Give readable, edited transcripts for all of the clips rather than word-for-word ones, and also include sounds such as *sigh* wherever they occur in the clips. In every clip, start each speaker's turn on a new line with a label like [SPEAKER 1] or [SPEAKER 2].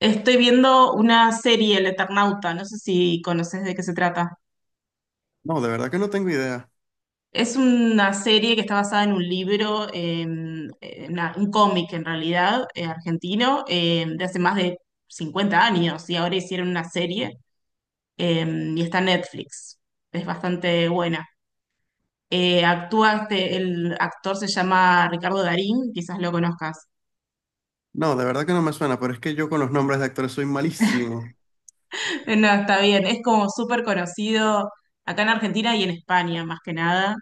[SPEAKER 1] Estoy viendo una serie, El Eternauta, no sé si conoces de qué se trata.
[SPEAKER 2] No, de verdad que no tengo idea.
[SPEAKER 1] Es una serie que está basada en un libro, en un cómic en realidad, argentino, de hace más de 50 años y ahora hicieron una serie y está en Netflix. Es bastante buena. Actúa el actor se llama Ricardo Darín, quizás lo conozcas.
[SPEAKER 2] No, de verdad que no me suena, pero es que yo con los nombres de actores soy malísimo.
[SPEAKER 1] *laughs* No, está bien, es como súper conocido acá en Argentina y en España más que nada.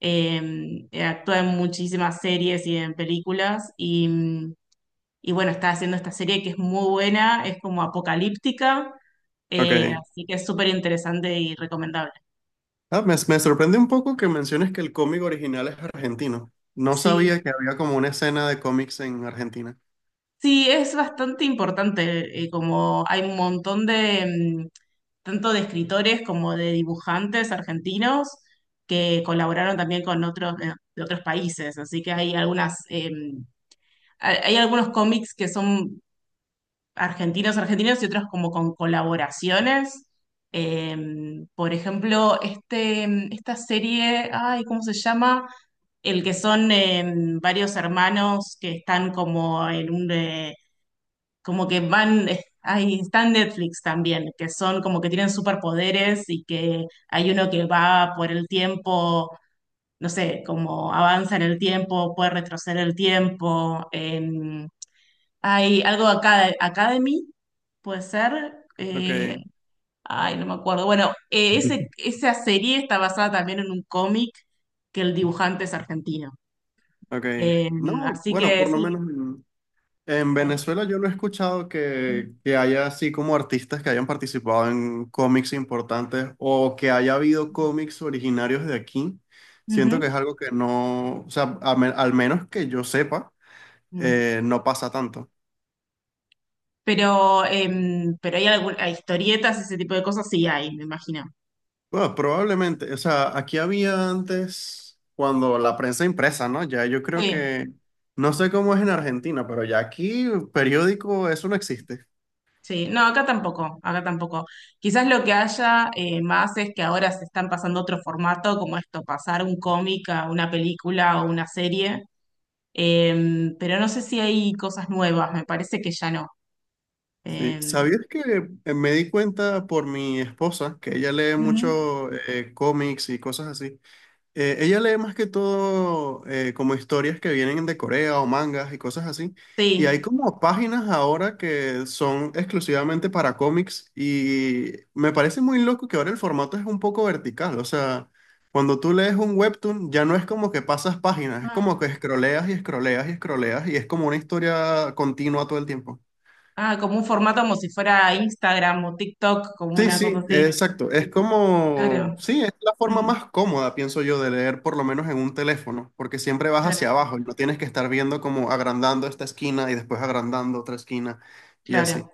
[SPEAKER 1] Actúa en muchísimas series y en películas y bueno, está haciendo esta serie que es muy buena, es como apocalíptica,
[SPEAKER 2] Ok.
[SPEAKER 1] así que es súper interesante y recomendable.
[SPEAKER 2] Ah, me sorprende un poco que menciones que el cómic original es argentino. No
[SPEAKER 1] Sí,
[SPEAKER 2] sabía que había como una escena de cómics en Argentina.
[SPEAKER 1] sí, es bastante importante, como hay un montón de, tanto de escritores como de dibujantes argentinos que colaboraron también con otros, de otros países, así que hay algunas hay algunos cómics que son argentinos, argentinos y otros como con colaboraciones. Eh, por ejemplo, esta serie, ay, ¿cómo se llama? El que son varios hermanos que están como en un, como que van, Ay, está en Netflix también, que son como que tienen superpoderes y que hay uno que va por el tiempo, no sé, como avanza en el tiempo, puede retroceder el tiempo. Hay algo acá, Academy. Puede ser.
[SPEAKER 2] Ok,
[SPEAKER 1] Ay, no me acuerdo. Bueno, esa serie está basada también en un cómic que el dibujante es argentino.
[SPEAKER 2] ok.
[SPEAKER 1] Eh,
[SPEAKER 2] No,
[SPEAKER 1] así
[SPEAKER 2] bueno,
[SPEAKER 1] que
[SPEAKER 2] por lo
[SPEAKER 1] sí.
[SPEAKER 2] menos. En
[SPEAKER 1] Ahí.
[SPEAKER 2] Venezuela yo no he escuchado que haya así como artistas que hayan participado en cómics importantes o que haya habido cómics originarios de aquí. Siento que
[SPEAKER 1] Ujú.
[SPEAKER 2] es algo que no, o sea, a me- al menos que yo sepa,
[SPEAKER 1] Mm.
[SPEAKER 2] no pasa tanto.
[SPEAKER 1] Pero hay algunas historietas, ese tipo de cosas, sí hay, me imagino.
[SPEAKER 2] Bueno, probablemente, o sea, aquí había antes cuando la prensa impresa, ¿no? Ya yo creo
[SPEAKER 1] Sí,
[SPEAKER 2] que, no sé cómo es en Argentina, pero ya aquí periódico, eso no existe.
[SPEAKER 1] sí. No, acá tampoco, acá tampoco. Quizás lo que haya más es que ahora se están pasando otro formato, como esto, pasar un cómic a una película o una serie. Pero no sé si hay cosas nuevas, me parece que ya no.
[SPEAKER 2] Sí,
[SPEAKER 1] Em,
[SPEAKER 2] ¿sabías que me di cuenta por mi esposa, que ella lee
[SPEAKER 1] ujú,
[SPEAKER 2] mucho cómics y cosas así? Ella lee más que todo como historias que vienen de Corea o mangas y cosas así. Y hay
[SPEAKER 1] sí.
[SPEAKER 2] como páginas ahora que son exclusivamente para cómics y me parece muy loco que ahora el formato es un poco vertical. O sea, cuando tú lees un webtoon ya no es como que pasas páginas, es
[SPEAKER 1] Ah,
[SPEAKER 2] como que escroleas y escroleas y escroleas y es como una historia continua todo el tiempo.
[SPEAKER 1] ah, como un formato como si fuera Instagram o TikTok, como
[SPEAKER 2] Sí,
[SPEAKER 1] una cosa
[SPEAKER 2] sí,
[SPEAKER 1] así.
[SPEAKER 2] exacto. Es como,
[SPEAKER 1] Claro,
[SPEAKER 2] sí, es la forma
[SPEAKER 1] mm,
[SPEAKER 2] más cómoda, pienso yo, de leer por lo menos en un teléfono, porque siempre vas hacia
[SPEAKER 1] claro,
[SPEAKER 2] abajo y no tienes que estar viendo como agrandando esta esquina y después agrandando otra esquina y
[SPEAKER 1] claro.
[SPEAKER 2] así.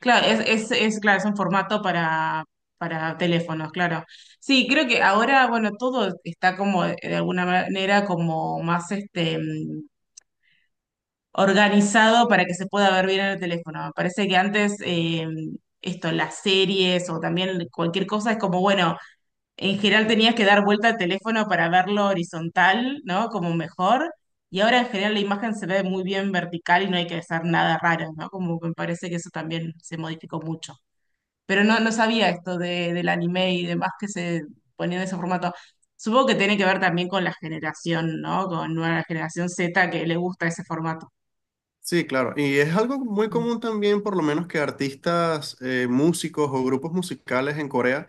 [SPEAKER 1] Claro, es, claro, es un formato para teléfonos, claro. Sí, creo que ahora, bueno, todo está como de alguna manera como más organizado para que se pueda ver bien en el teléfono. Me parece que antes las series o también cualquier cosa es como, bueno, en general tenías que dar vuelta al teléfono para verlo horizontal, ¿no? Como mejor. Y ahora en general la imagen se ve muy bien vertical y no hay que hacer nada raro, ¿no? Como que me parece que eso también se modificó mucho. Pero no, no sabía esto del anime y demás que se ponía en ese formato. Supongo que tiene que ver también con la generación, ¿no? Con nueva generación Z que le gusta ese formato.
[SPEAKER 2] Sí, claro. Y es algo muy
[SPEAKER 1] Mm.
[SPEAKER 2] común también, por lo menos, que artistas, músicos o grupos musicales en Corea,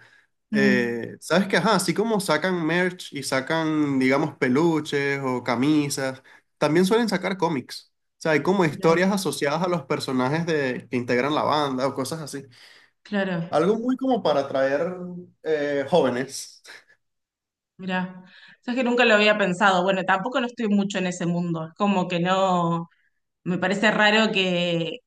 [SPEAKER 1] Mm,
[SPEAKER 2] sabes que, ajá, así como sacan merch y sacan, digamos, peluches o camisas, también suelen sacar cómics. O sea, hay como historias
[SPEAKER 1] mira,
[SPEAKER 2] asociadas a los personajes de, que integran la banda o cosas así.
[SPEAKER 1] claro,
[SPEAKER 2] Algo muy como para atraer jóvenes.
[SPEAKER 1] mira. Sabes que nunca lo había pensado. Bueno, tampoco no estoy mucho en ese mundo. Es como que no, me parece raro que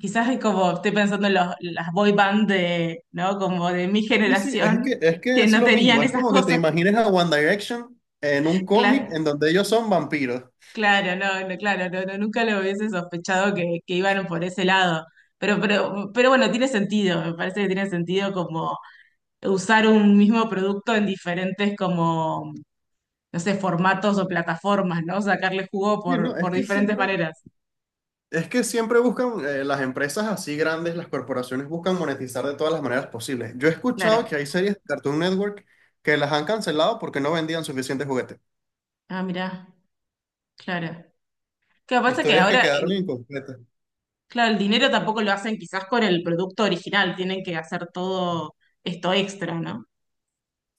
[SPEAKER 1] quizás es como estoy pensando en las boy band de, ¿no? Como de mi
[SPEAKER 2] Y sí, es
[SPEAKER 1] generación,
[SPEAKER 2] que, es que
[SPEAKER 1] que
[SPEAKER 2] es
[SPEAKER 1] no
[SPEAKER 2] lo mismo.
[SPEAKER 1] tenían
[SPEAKER 2] Es
[SPEAKER 1] esas
[SPEAKER 2] como que te
[SPEAKER 1] cosas.
[SPEAKER 2] imagines a One Direction en un
[SPEAKER 1] *laughs*
[SPEAKER 2] cómic en
[SPEAKER 1] Claro,
[SPEAKER 2] donde ellos son vampiros.
[SPEAKER 1] claro, no, no, claro, no, no, nunca lo hubiese sospechado que iban por ese lado. Pero bueno, tiene sentido, me parece que tiene sentido como usar un mismo producto en diferentes como no sé, formatos o plataformas, ¿no? Sacarle jugo
[SPEAKER 2] Sí, no,
[SPEAKER 1] por, por diferentes maneras.
[SPEAKER 2] es que siempre buscan, las empresas así grandes, las corporaciones buscan monetizar de todas las maneras posibles. Yo he escuchado que
[SPEAKER 1] Claro.
[SPEAKER 2] hay series de Cartoon Network que las han cancelado porque no vendían suficientes juguetes.
[SPEAKER 1] Ah, mirá, claro. ¿Qué pasa? Que
[SPEAKER 2] Historias que
[SPEAKER 1] ahora,
[SPEAKER 2] quedaron incompletas.
[SPEAKER 1] claro, el dinero tampoco lo hacen quizás con el producto original, tienen que hacer todo esto extra, ¿no?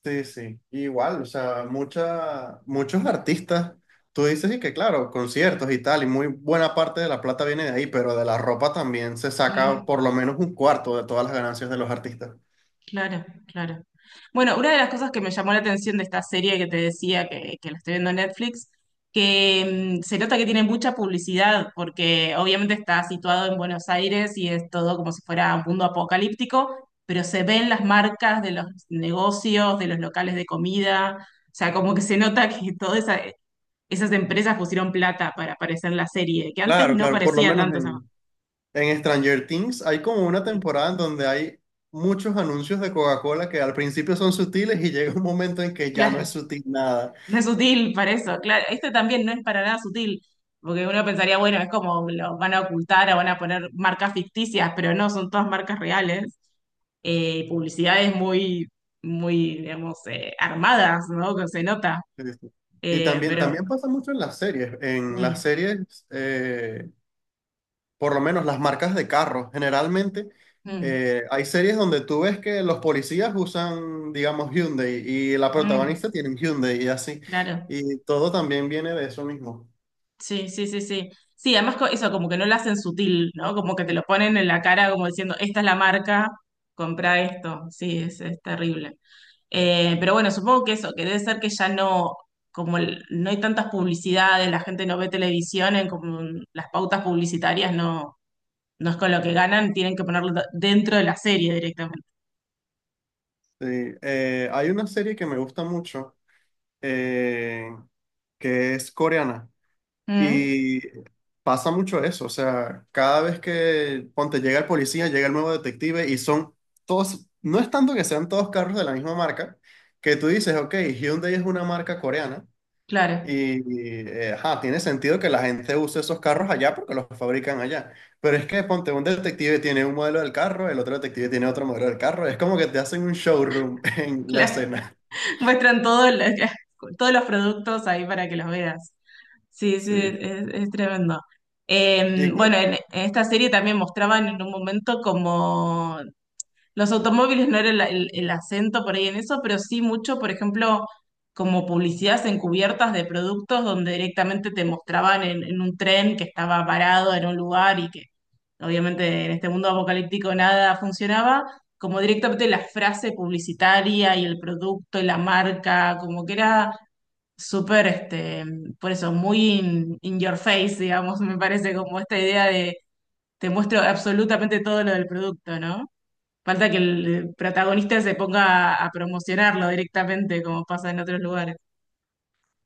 [SPEAKER 2] Sí, sí. Igual, o sea, muchos artistas, tú dices y que claro, conciertos y tal, y muy buena parte de la plata viene de ahí, pero de la ropa también se saca por lo menos un cuarto de todas las ganancias de los artistas.
[SPEAKER 1] Claro, claro. Bueno, una de las cosas que me llamó la atención de esta serie que te decía que la estoy viendo en Netflix, que se nota que tiene mucha publicidad, porque obviamente está situado en Buenos Aires y es todo como si fuera un mundo apocalíptico, pero se ven las marcas de los negocios, de los locales de comida, o sea, como que se nota que todas esas empresas pusieron plata para aparecer en la serie, que antes
[SPEAKER 2] Claro,
[SPEAKER 1] no
[SPEAKER 2] claro, por lo
[SPEAKER 1] parecía
[SPEAKER 2] menos
[SPEAKER 1] tanto esa.
[SPEAKER 2] en Stranger Things hay como una temporada en donde hay muchos anuncios de Coca-Cola que al principio son sutiles y *laughs* llega un momento en que ya no es
[SPEAKER 1] Claro,
[SPEAKER 2] sutil nada.
[SPEAKER 1] no es sutil para eso, claro. Este también no es para nada sutil, porque uno pensaría, bueno, es como lo van a ocultar o van a poner marcas ficticias, pero no, son todas marcas reales. Publicidades muy, muy, digamos, armadas, ¿no? Que se nota.
[SPEAKER 2] Este, y
[SPEAKER 1] Eh,
[SPEAKER 2] también,
[SPEAKER 1] pero,
[SPEAKER 2] también pasa mucho en las series. En las
[SPEAKER 1] mm,
[SPEAKER 2] series, por lo menos las marcas de carros, generalmente
[SPEAKER 1] mm,
[SPEAKER 2] hay series donde tú ves que los policías usan, digamos, Hyundai y la
[SPEAKER 1] mm,
[SPEAKER 2] protagonista tiene un Hyundai y así.
[SPEAKER 1] claro.
[SPEAKER 2] Y todo también viene de eso mismo.
[SPEAKER 1] Sí, sí, sí, sí. Sí, además eso, como que no lo hacen sutil, ¿no? Como que te lo ponen en la cara como diciendo, esta es la marca, compra esto. Sí, es terrible. Pero bueno, supongo que eso, que debe ser que ya no, como no hay tantas publicidades, la gente no ve televisión, en como las pautas publicitarias no, no es con lo que ganan, tienen que ponerlo dentro de la serie directamente.
[SPEAKER 2] Sí, hay una serie que me gusta mucho eh, que es coreana.
[SPEAKER 1] Mm,
[SPEAKER 2] Y pasa mucho eso, o sea, cada vez que, ponte, llega el policía, llega el nuevo detective y son todos, no es tanto que sean todos carros de la misma marca, que tú dices, ok, Hyundai es una marca coreana
[SPEAKER 1] claro,
[SPEAKER 2] y, ajá, tiene sentido que la gente use esos carros allá porque los fabrican allá. Pero es que, ponte, un detective tiene un modelo del carro, el otro detective tiene otro modelo del carro, es como que te hacen un showroom *laughs* en la
[SPEAKER 1] claro.
[SPEAKER 2] escena.
[SPEAKER 1] *laughs* Muestran todo lo que- *laughs* todos los productos ahí para que los veas. Sí, sí,
[SPEAKER 2] Sí.
[SPEAKER 1] es tremendo. Eh,
[SPEAKER 2] ¿Y,
[SPEAKER 1] bueno, en esta serie también mostraban en un momento como los automóviles no era el acento por ahí en eso, pero sí mucho, por ejemplo, como publicidades encubiertas de productos donde directamente te mostraban en un tren que estaba parado en un lugar y que obviamente en este mundo apocalíptico nada funcionaba, como directamente la frase publicitaria y el producto y la marca, como que era súper, por eso, muy in your face, digamos, me parece como esta idea de te muestro absolutamente todo lo del producto, ¿no? Falta que el protagonista se ponga a promocionarlo directamente, como pasa en otros lugares.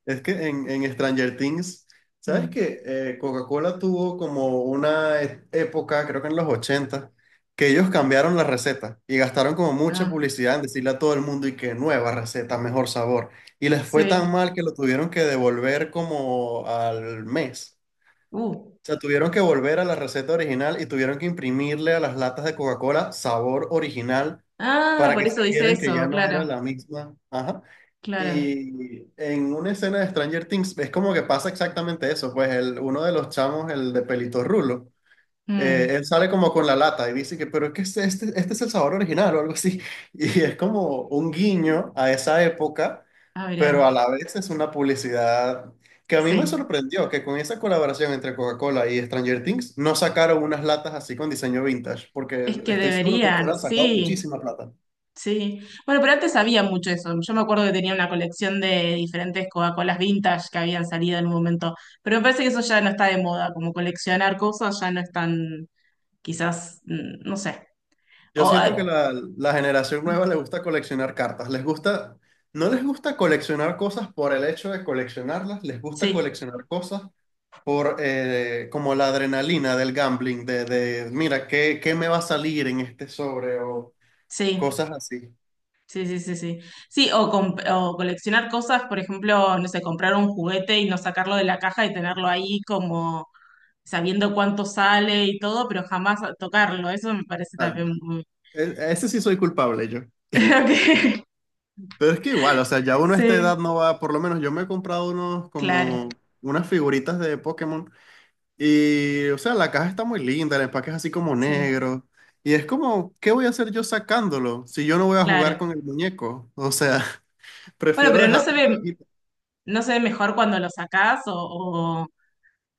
[SPEAKER 2] es que en Stranger Things, ¿sabes
[SPEAKER 1] Mm.
[SPEAKER 2] qué? Coca-Cola tuvo como una e- época, creo que en los 80 que ellos cambiaron la receta y gastaron como mucha
[SPEAKER 1] Ah,
[SPEAKER 2] publicidad en decirle a todo el mundo y que nueva receta, mejor sabor. Y les fue tan
[SPEAKER 1] sí.
[SPEAKER 2] mal que lo tuvieron que devolver como al mes.
[SPEAKER 1] Uh.
[SPEAKER 2] O sea, tuvieron que volver a la receta original y tuvieron que imprimirle a las latas de Coca-Cola sabor original
[SPEAKER 1] Ah,
[SPEAKER 2] para
[SPEAKER 1] por
[SPEAKER 2] que
[SPEAKER 1] eso dice
[SPEAKER 2] supieran que
[SPEAKER 1] eso,
[SPEAKER 2] ya no
[SPEAKER 1] claro,
[SPEAKER 2] era la misma. Ajá.
[SPEAKER 1] claro.
[SPEAKER 2] Y en una escena de Stranger Things es como que pasa exactamente eso, pues el, uno de los chamos, el de pelito rulo,
[SPEAKER 1] Mm.
[SPEAKER 2] él sale como con la lata y dice que, pero es que este es el sabor original o algo así. *laughs* Y es como un guiño a esa época,
[SPEAKER 1] Ah,
[SPEAKER 2] pero a
[SPEAKER 1] mirá.
[SPEAKER 2] la vez es una publicidad que a mí me
[SPEAKER 1] Sí.
[SPEAKER 2] sorprendió que con esa colaboración entre Coca-Cola y Stranger Things no sacaron unas latas así con diseño vintage, porque
[SPEAKER 1] Es que
[SPEAKER 2] estoy seguro que les
[SPEAKER 1] deberían,
[SPEAKER 2] hubieran sacado
[SPEAKER 1] sí,
[SPEAKER 2] muchísima plata.
[SPEAKER 1] sí. Bueno, pero antes había mucho eso. Yo me acuerdo que tenía una colección de diferentes Coca-Colas vintage que habían salido en un momento. Pero me parece que eso ya no está de moda, como coleccionar cosas ya no es tan, quizás, no sé.
[SPEAKER 2] Yo
[SPEAKER 1] O,
[SPEAKER 2] siento que
[SPEAKER 1] ah,
[SPEAKER 2] la generación
[SPEAKER 1] mm,
[SPEAKER 2] nueva le gusta coleccionar cartas. Les gusta, no les gusta coleccionar cosas por el hecho de coleccionarlas, les gusta
[SPEAKER 1] sí,
[SPEAKER 2] coleccionar cosas por como la adrenalina del gambling, de mira, ¿qué me va a salir en este sobre? O
[SPEAKER 1] sí.
[SPEAKER 2] cosas así.
[SPEAKER 1] Sí, sí, sí, sí. Sí, o coleccionar cosas, por ejemplo, no sé, comprar un juguete y no sacarlo de la caja y tenerlo ahí como sabiendo cuánto sale y todo, pero jamás tocarlo. Eso me parece
[SPEAKER 2] Ah,
[SPEAKER 1] también muy.
[SPEAKER 2] e- ese sí soy culpable yo.
[SPEAKER 1] *laughs* Ok.
[SPEAKER 2] Pero es que igual, o sea, ya uno a esta
[SPEAKER 1] Sí,
[SPEAKER 2] edad no va, por lo menos yo me he comprado unos
[SPEAKER 1] claro,
[SPEAKER 2] como unas figuritas de Pokémon. Y, o sea, la caja está muy linda, el empaque es así como
[SPEAKER 1] sí,
[SPEAKER 2] negro. Y es como, ¿qué voy a hacer yo sacándolo si yo no voy a jugar
[SPEAKER 1] claro.
[SPEAKER 2] con el muñeco? O sea, *laughs*
[SPEAKER 1] Bueno,
[SPEAKER 2] prefiero
[SPEAKER 1] pero no
[SPEAKER 2] dejarlo
[SPEAKER 1] se
[SPEAKER 2] en la
[SPEAKER 1] ve,
[SPEAKER 2] cajita.
[SPEAKER 1] no se ve mejor cuando lo sacás o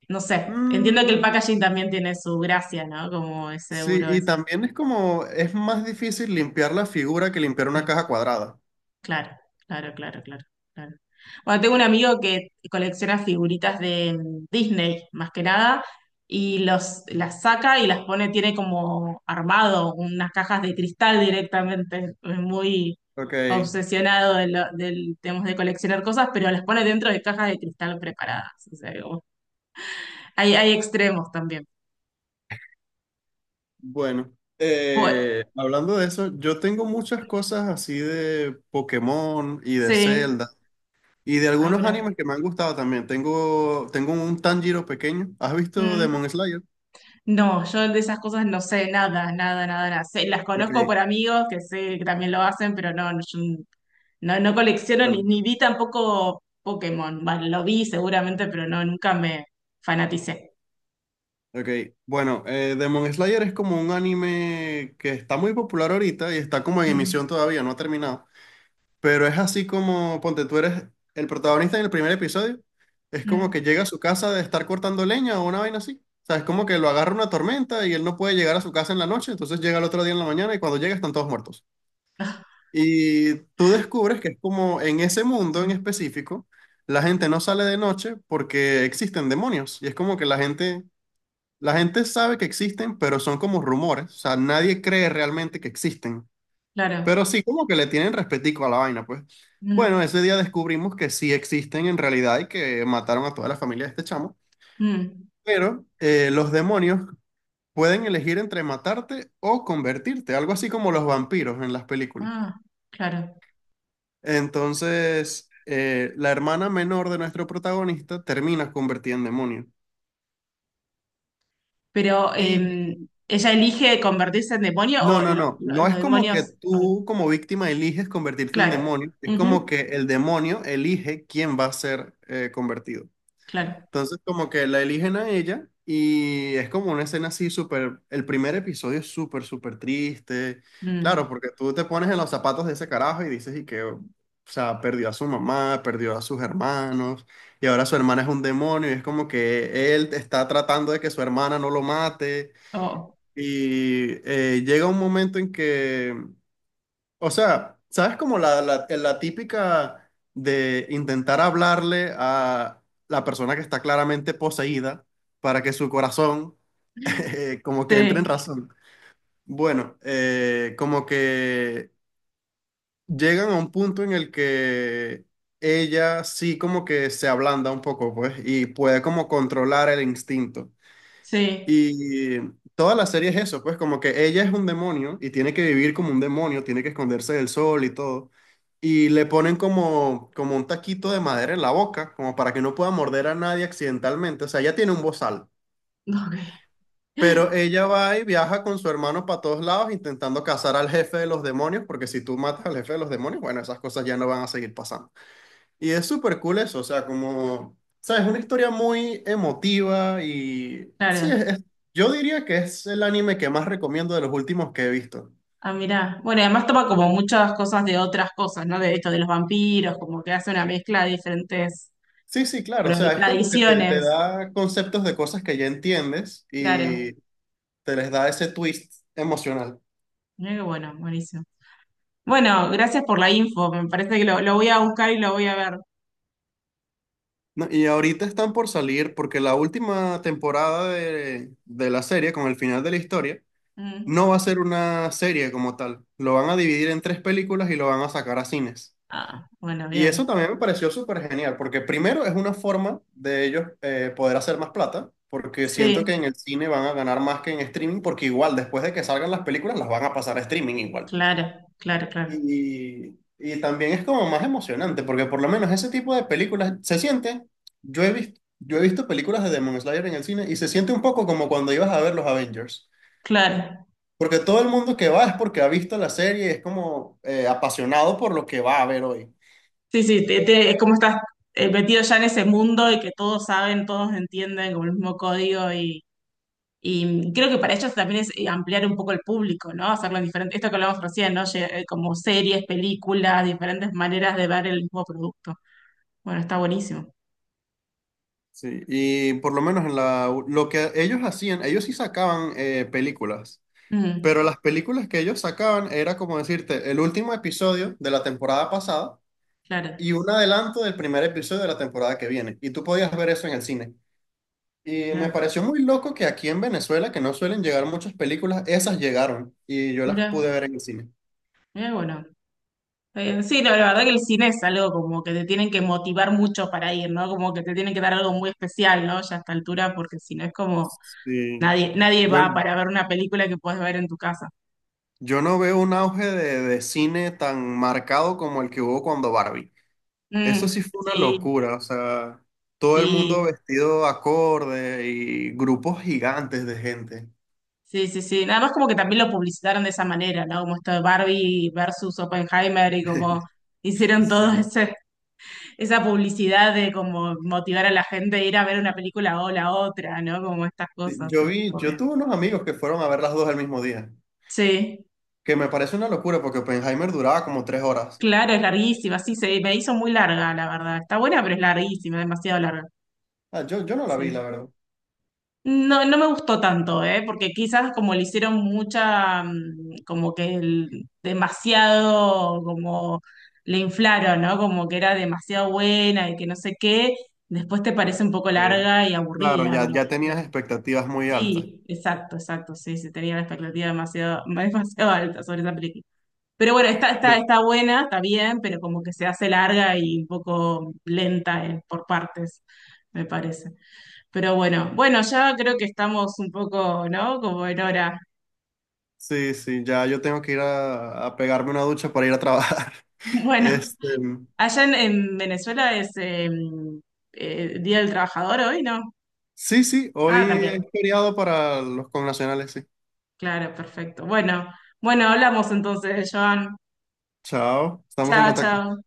[SPEAKER 1] no sé. Entiendo que el
[SPEAKER 2] Mm,
[SPEAKER 1] packaging también tiene su gracia, ¿no? Como es
[SPEAKER 2] sí,
[SPEAKER 1] seguro.
[SPEAKER 2] y
[SPEAKER 1] Es.
[SPEAKER 2] también es como, es más difícil limpiar la figura que limpiar una
[SPEAKER 1] mm,
[SPEAKER 2] caja cuadrada.
[SPEAKER 1] Claro, claro, claro, claro, claro. Bueno, tengo un amigo que colecciona figuritas de Disney, más que nada, y las saca y las pone, tiene como armado unas cajas de cristal directamente, es muy
[SPEAKER 2] Ok,
[SPEAKER 1] obsesionado de del tema de coleccionar cosas, pero las pone dentro de cajas de cristal preparadas. O sea, hay extremos también.
[SPEAKER 2] bueno.
[SPEAKER 1] Bueno,
[SPEAKER 2] Hablando de eso, yo tengo muchas cosas así de Pokémon y de
[SPEAKER 1] sí,
[SPEAKER 2] Zelda. Y de
[SPEAKER 1] ah,
[SPEAKER 2] algunos
[SPEAKER 1] mirá.
[SPEAKER 2] animes que me han gustado también. Tengo un Tanjiro pequeño. ¿Has visto
[SPEAKER 1] Mm.
[SPEAKER 2] Demon Slayer?
[SPEAKER 1] No, yo de esas cosas no sé nada, nada, nada, nada. Las
[SPEAKER 2] Ok,
[SPEAKER 1] conozco por amigos que sé que también lo hacen, pero no, no, yo no, no colecciono ni,
[SPEAKER 2] bueno,
[SPEAKER 1] ni vi tampoco Pokémon. Bueno, lo vi seguramente, pero no, nunca me fanaticé.
[SPEAKER 2] okay, bueno, Demon Slayer es como un anime que está muy popular ahorita y está como en
[SPEAKER 1] Mm,
[SPEAKER 2] emisión todavía, no ha terminado. Pero es así como, ponte, tú eres el protagonista en el primer episodio. Es como que
[SPEAKER 1] mm,
[SPEAKER 2] llega a su casa de estar cortando leña o una vaina así. O sea, es como que lo agarra una tormenta y él no puede llegar a su casa en la noche, entonces llega el otro día en la mañana y cuando llega están todos muertos. Y tú descubres que es como en ese mundo en
[SPEAKER 1] mm,
[SPEAKER 2] específico, la gente no sale de noche porque existen demonios. Y es como que la gente sabe que existen, pero son como rumores. O sea, nadie cree realmente que existen. Pero
[SPEAKER 1] claro.
[SPEAKER 2] sí, como que le tienen respetico a la vaina, pues. Bueno,
[SPEAKER 1] Mm,
[SPEAKER 2] ese día descubrimos que sí existen en realidad y que mataron a toda la familia de este chamo.
[SPEAKER 1] mm.
[SPEAKER 2] Pero los demonios pueden elegir entre matarte o convertirte, algo así como los vampiros en las películas.
[SPEAKER 1] Ah, claro.
[SPEAKER 2] Entonces, la hermana menor de nuestro protagonista termina convertida en demonio.
[SPEAKER 1] Pero
[SPEAKER 2] Y
[SPEAKER 1] ella elige convertirse en demonio
[SPEAKER 2] no,
[SPEAKER 1] o
[SPEAKER 2] no,
[SPEAKER 1] lo-
[SPEAKER 2] no.
[SPEAKER 1] lo-
[SPEAKER 2] No
[SPEAKER 1] los
[SPEAKER 2] es como que
[SPEAKER 1] demonios. Ok,
[SPEAKER 2] tú como víctima eliges convertirte en
[SPEAKER 1] claro.
[SPEAKER 2] demonio, es como
[SPEAKER 1] Ujú,
[SPEAKER 2] que el demonio elige quién va a ser convertido.
[SPEAKER 1] claro.
[SPEAKER 2] Entonces como que la eligen a ella y es como una escena así súper, el primer episodio es súper, súper triste.
[SPEAKER 1] Mm.
[SPEAKER 2] Claro, porque tú te pones en los zapatos de ese carajo y dices y que, o sea, perdió a su mamá, perdió a sus hermanos y ahora su hermana es un demonio y es como que él está tratando de que su hermana no lo mate.
[SPEAKER 1] Oh,
[SPEAKER 2] Y llega un momento en que, o sea, ¿sabes como la típica de intentar hablarle a la persona que está claramente poseída para que su corazón *laughs* como que entre en
[SPEAKER 1] sí,
[SPEAKER 2] razón? Bueno, como que llegan a un punto en el que ella sí como que se ablanda un poco, pues, y puede como controlar el instinto.
[SPEAKER 1] sí.
[SPEAKER 2] Y toda la serie es eso, pues como que ella es un demonio y tiene que vivir como un demonio, tiene que esconderse del sol y todo. Y le ponen como un taquito de madera en la boca, como para que no pueda morder a nadie accidentalmente. O sea, ella tiene un bozal.
[SPEAKER 1] Ok.
[SPEAKER 2] Pero ella va y viaja con su hermano para todos lados intentando cazar al jefe de los demonios, porque si tú matas al jefe de los demonios, bueno, esas cosas ya no van a seguir pasando. Y es súper cool eso, o sea, como, sabes, una historia muy emotiva y sí,
[SPEAKER 1] Claro,
[SPEAKER 2] es- yo diría que es el anime que más recomiendo de los últimos que he visto.
[SPEAKER 1] ah, mirá. Bueno, y además toma como muchas cosas de otras cosas, ¿no? De esto de los vampiros, como que hace una mezcla de diferentes
[SPEAKER 2] Sí, sí, claro, o sea, es como que te
[SPEAKER 1] tradiciones.
[SPEAKER 2] da conceptos de cosas que ya entiendes
[SPEAKER 1] Claro,
[SPEAKER 2] y te les da ese twist emocional.
[SPEAKER 1] mirá qué bueno, buenísimo. Bueno, gracias por la info, me parece que lo voy a buscar y lo voy a ver.
[SPEAKER 2] No, y ahorita están por salir porque la última temporada de la serie, con el final de la historia,
[SPEAKER 1] Mm.
[SPEAKER 2] no va a ser una serie como tal. Lo van a dividir en 3 películas y lo van a sacar a cines.
[SPEAKER 1] Ah, bueno,
[SPEAKER 2] Y eso
[SPEAKER 1] bien.
[SPEAKER 2] también me pareció súper genial, porque primero es una forma de ellos poder hacer más plata, porque siento que
[SPEAKER 1] Sí,
[SPEAKER 2] en el cine van a ganar más que en streaming, porque igual después de que salgan las películas las van a pasar a streaming igual.
[SPEAKER 1] claro, claro, claro,
[SPEAKER 2] Y también es como más emocionante, porque por lo menos ese tipo de películas se siente, yo he visto películas de Demon Slayer en el cine y se siente un poco como cuando ibas a ver los Avengers,
[SPEAKER 1] claro.
[SPEAKER 2] porque todo el mundo que va es porque ha visto la serie, es como apasionado por lo que va a ver hoy.
[SPEAKER 1] Sí, sí, es como estás metido ya en ese mundo y que todos saben, todos entienden, como el mismo código. Y creo que para ellos también es ampliar un poco el público, ¿no? Hacerlo diferente. Esto que hablamos recién, ¿no? Como series, películas, diferentes maneras de ver el mismo producto. Bueno, está buenísimo.
[SPEAKER 2] Sí, y por lo menos en la, lo que ellos hacían, ellos sí sacaban películas,
[SPEAKER 1] Mm,
[SPEAKER 2] pero las películas que ellos sacaban era como decirte el último episodio de la temporada pasada
[SPEAKER 1] claro.
[SPEAKER 2] y un adelanto del primer episodio de la temporada que viene. Y tú podías ver eso en el cine. Y me
[SPEAKER 1] Mirá,
[SPEAKER 2] pareció muy loco que aquí en Venezuela, que no suelen llegar muchas películas, esas llegaron y yo las pude
[SPEAKER 1] mirá,
[SPEAKER 2] ver en el cine.
[SPEAKER 1] mirá, bueno. Sí, la verdad que el cine es algo como que te tienen que motivar mucho para ir, ¿no? Como que te tienen que dar algo muy especial, ¿no? Ya a esta altura, porque si no es como
[SPEAKER 2] Sí.
[SPEAKER 1] nadie va
[SPEAKER 2] Yo,
[SPEAKER 1] para ver una película que puedes ver en tu casa.
[SPEAKER 2] yo no veo un auge de cine tan marcado como el que hubo cuando Barbie. Eso
[SPEAKER 1] Mm,
[SPEAKER 2] sí fue una
[SPEAKER 1] sí,
[SPEAKER 2] locura, o sea, todo el
[SPEAKER 1] sí.
[SPEAKER 2] mundo vestido acorde y grupos gigantes de gente.
[SPEAKER 1] Sí, sí, sí. Nada más como que también lo publicitaron de esa manera, ¿no? Como esto de Barbie versus Oppenheimer y como
[SPEAKER 2] *laughs*
[SPEAKER 1] hicieron
[SPEAKER 2] Sí.
[SPEAKER 1] todo *laughs* esa publicidad de como motivar a la gente a ir a ver una película o la otra, ¿no? Como estas cosas.
[SPEAKER 2] Yo
[SPEAKER 1] Sí,
[SPEAKER 2] vi,
[SPEAKER 1] obvio.
[SPEAKER 2] yo tuve unos amigos que fueron a ver las dos el mismo día,
[SPEAKER 1] Sí,
[SPEAKER 2] que me parece una locura porque Oppenheimer duraba como 3 horas.
[SPEAKER 1] claro, es larguísima. Sí, se me hizo muy larga, la verdad. Está buena, pero es larguísima, demasiado larga.
[SPEAKER 2] Ah, yo no la vi, la
[SPEAKER 1] Sí.
[SPEAKER 2] verdad.
[SPEAKER 1] No, no me gustó tanto, ¿eh? Porque quizás como le hicieron mucha, como que demasiado, como le inflaron, ¿no? Como que era demasiado buena y que no sé qué, después te parece un poco
[SPEAKER 2] Ok.
[SPEAKER 1] larga y
[SPEAKER 2] Claro,
[SPEAKER 1] aburrida,
[SPEAKER 2] ya, ya tenías expectativas muy altas.
[SPEAKER 1] sí, exacto, exacto, sí, se tenía la expectativa demasiado, *laughs* demasiado alta sobre esa película. Pero bueno, está, está,
[SPEAKER 2] Yo-
[SPEAKER 1] está buena, está bien, pero como que se hace larga y un poco lenta, por partes, me parece. Pero bueno, bueno, ya creo que estamos un poco, ¿no? Como en hora.
[SPEAKER 2] sí, sí, ya yo tengo que ir a pegarme una ducha para ir a trabajar. *laughs*
[SPEAKER 1] Bueno,
[SPEAKER 2] Este,
[SPEAKER 1] allá en Venezuela es Día del Trabajador hoy, ¿no?
[SPEAKER 2] sí, sí,
[SPEAKER 1] Ah,
[SPEAKER 2] hoy es
[SPEAKER 1] también.
[SPEAKER 2] feriado para los connacionales, sí.
[SPEAKER 1] Claro, perfecto. Bueno, bueno, hablamos entonces, Joan.
[SPEAKER 2] Chao, estamos en
[SPEAKER 1] Chao,
[SPEAKER 2] contacto.
[SPEAKER 1] chao.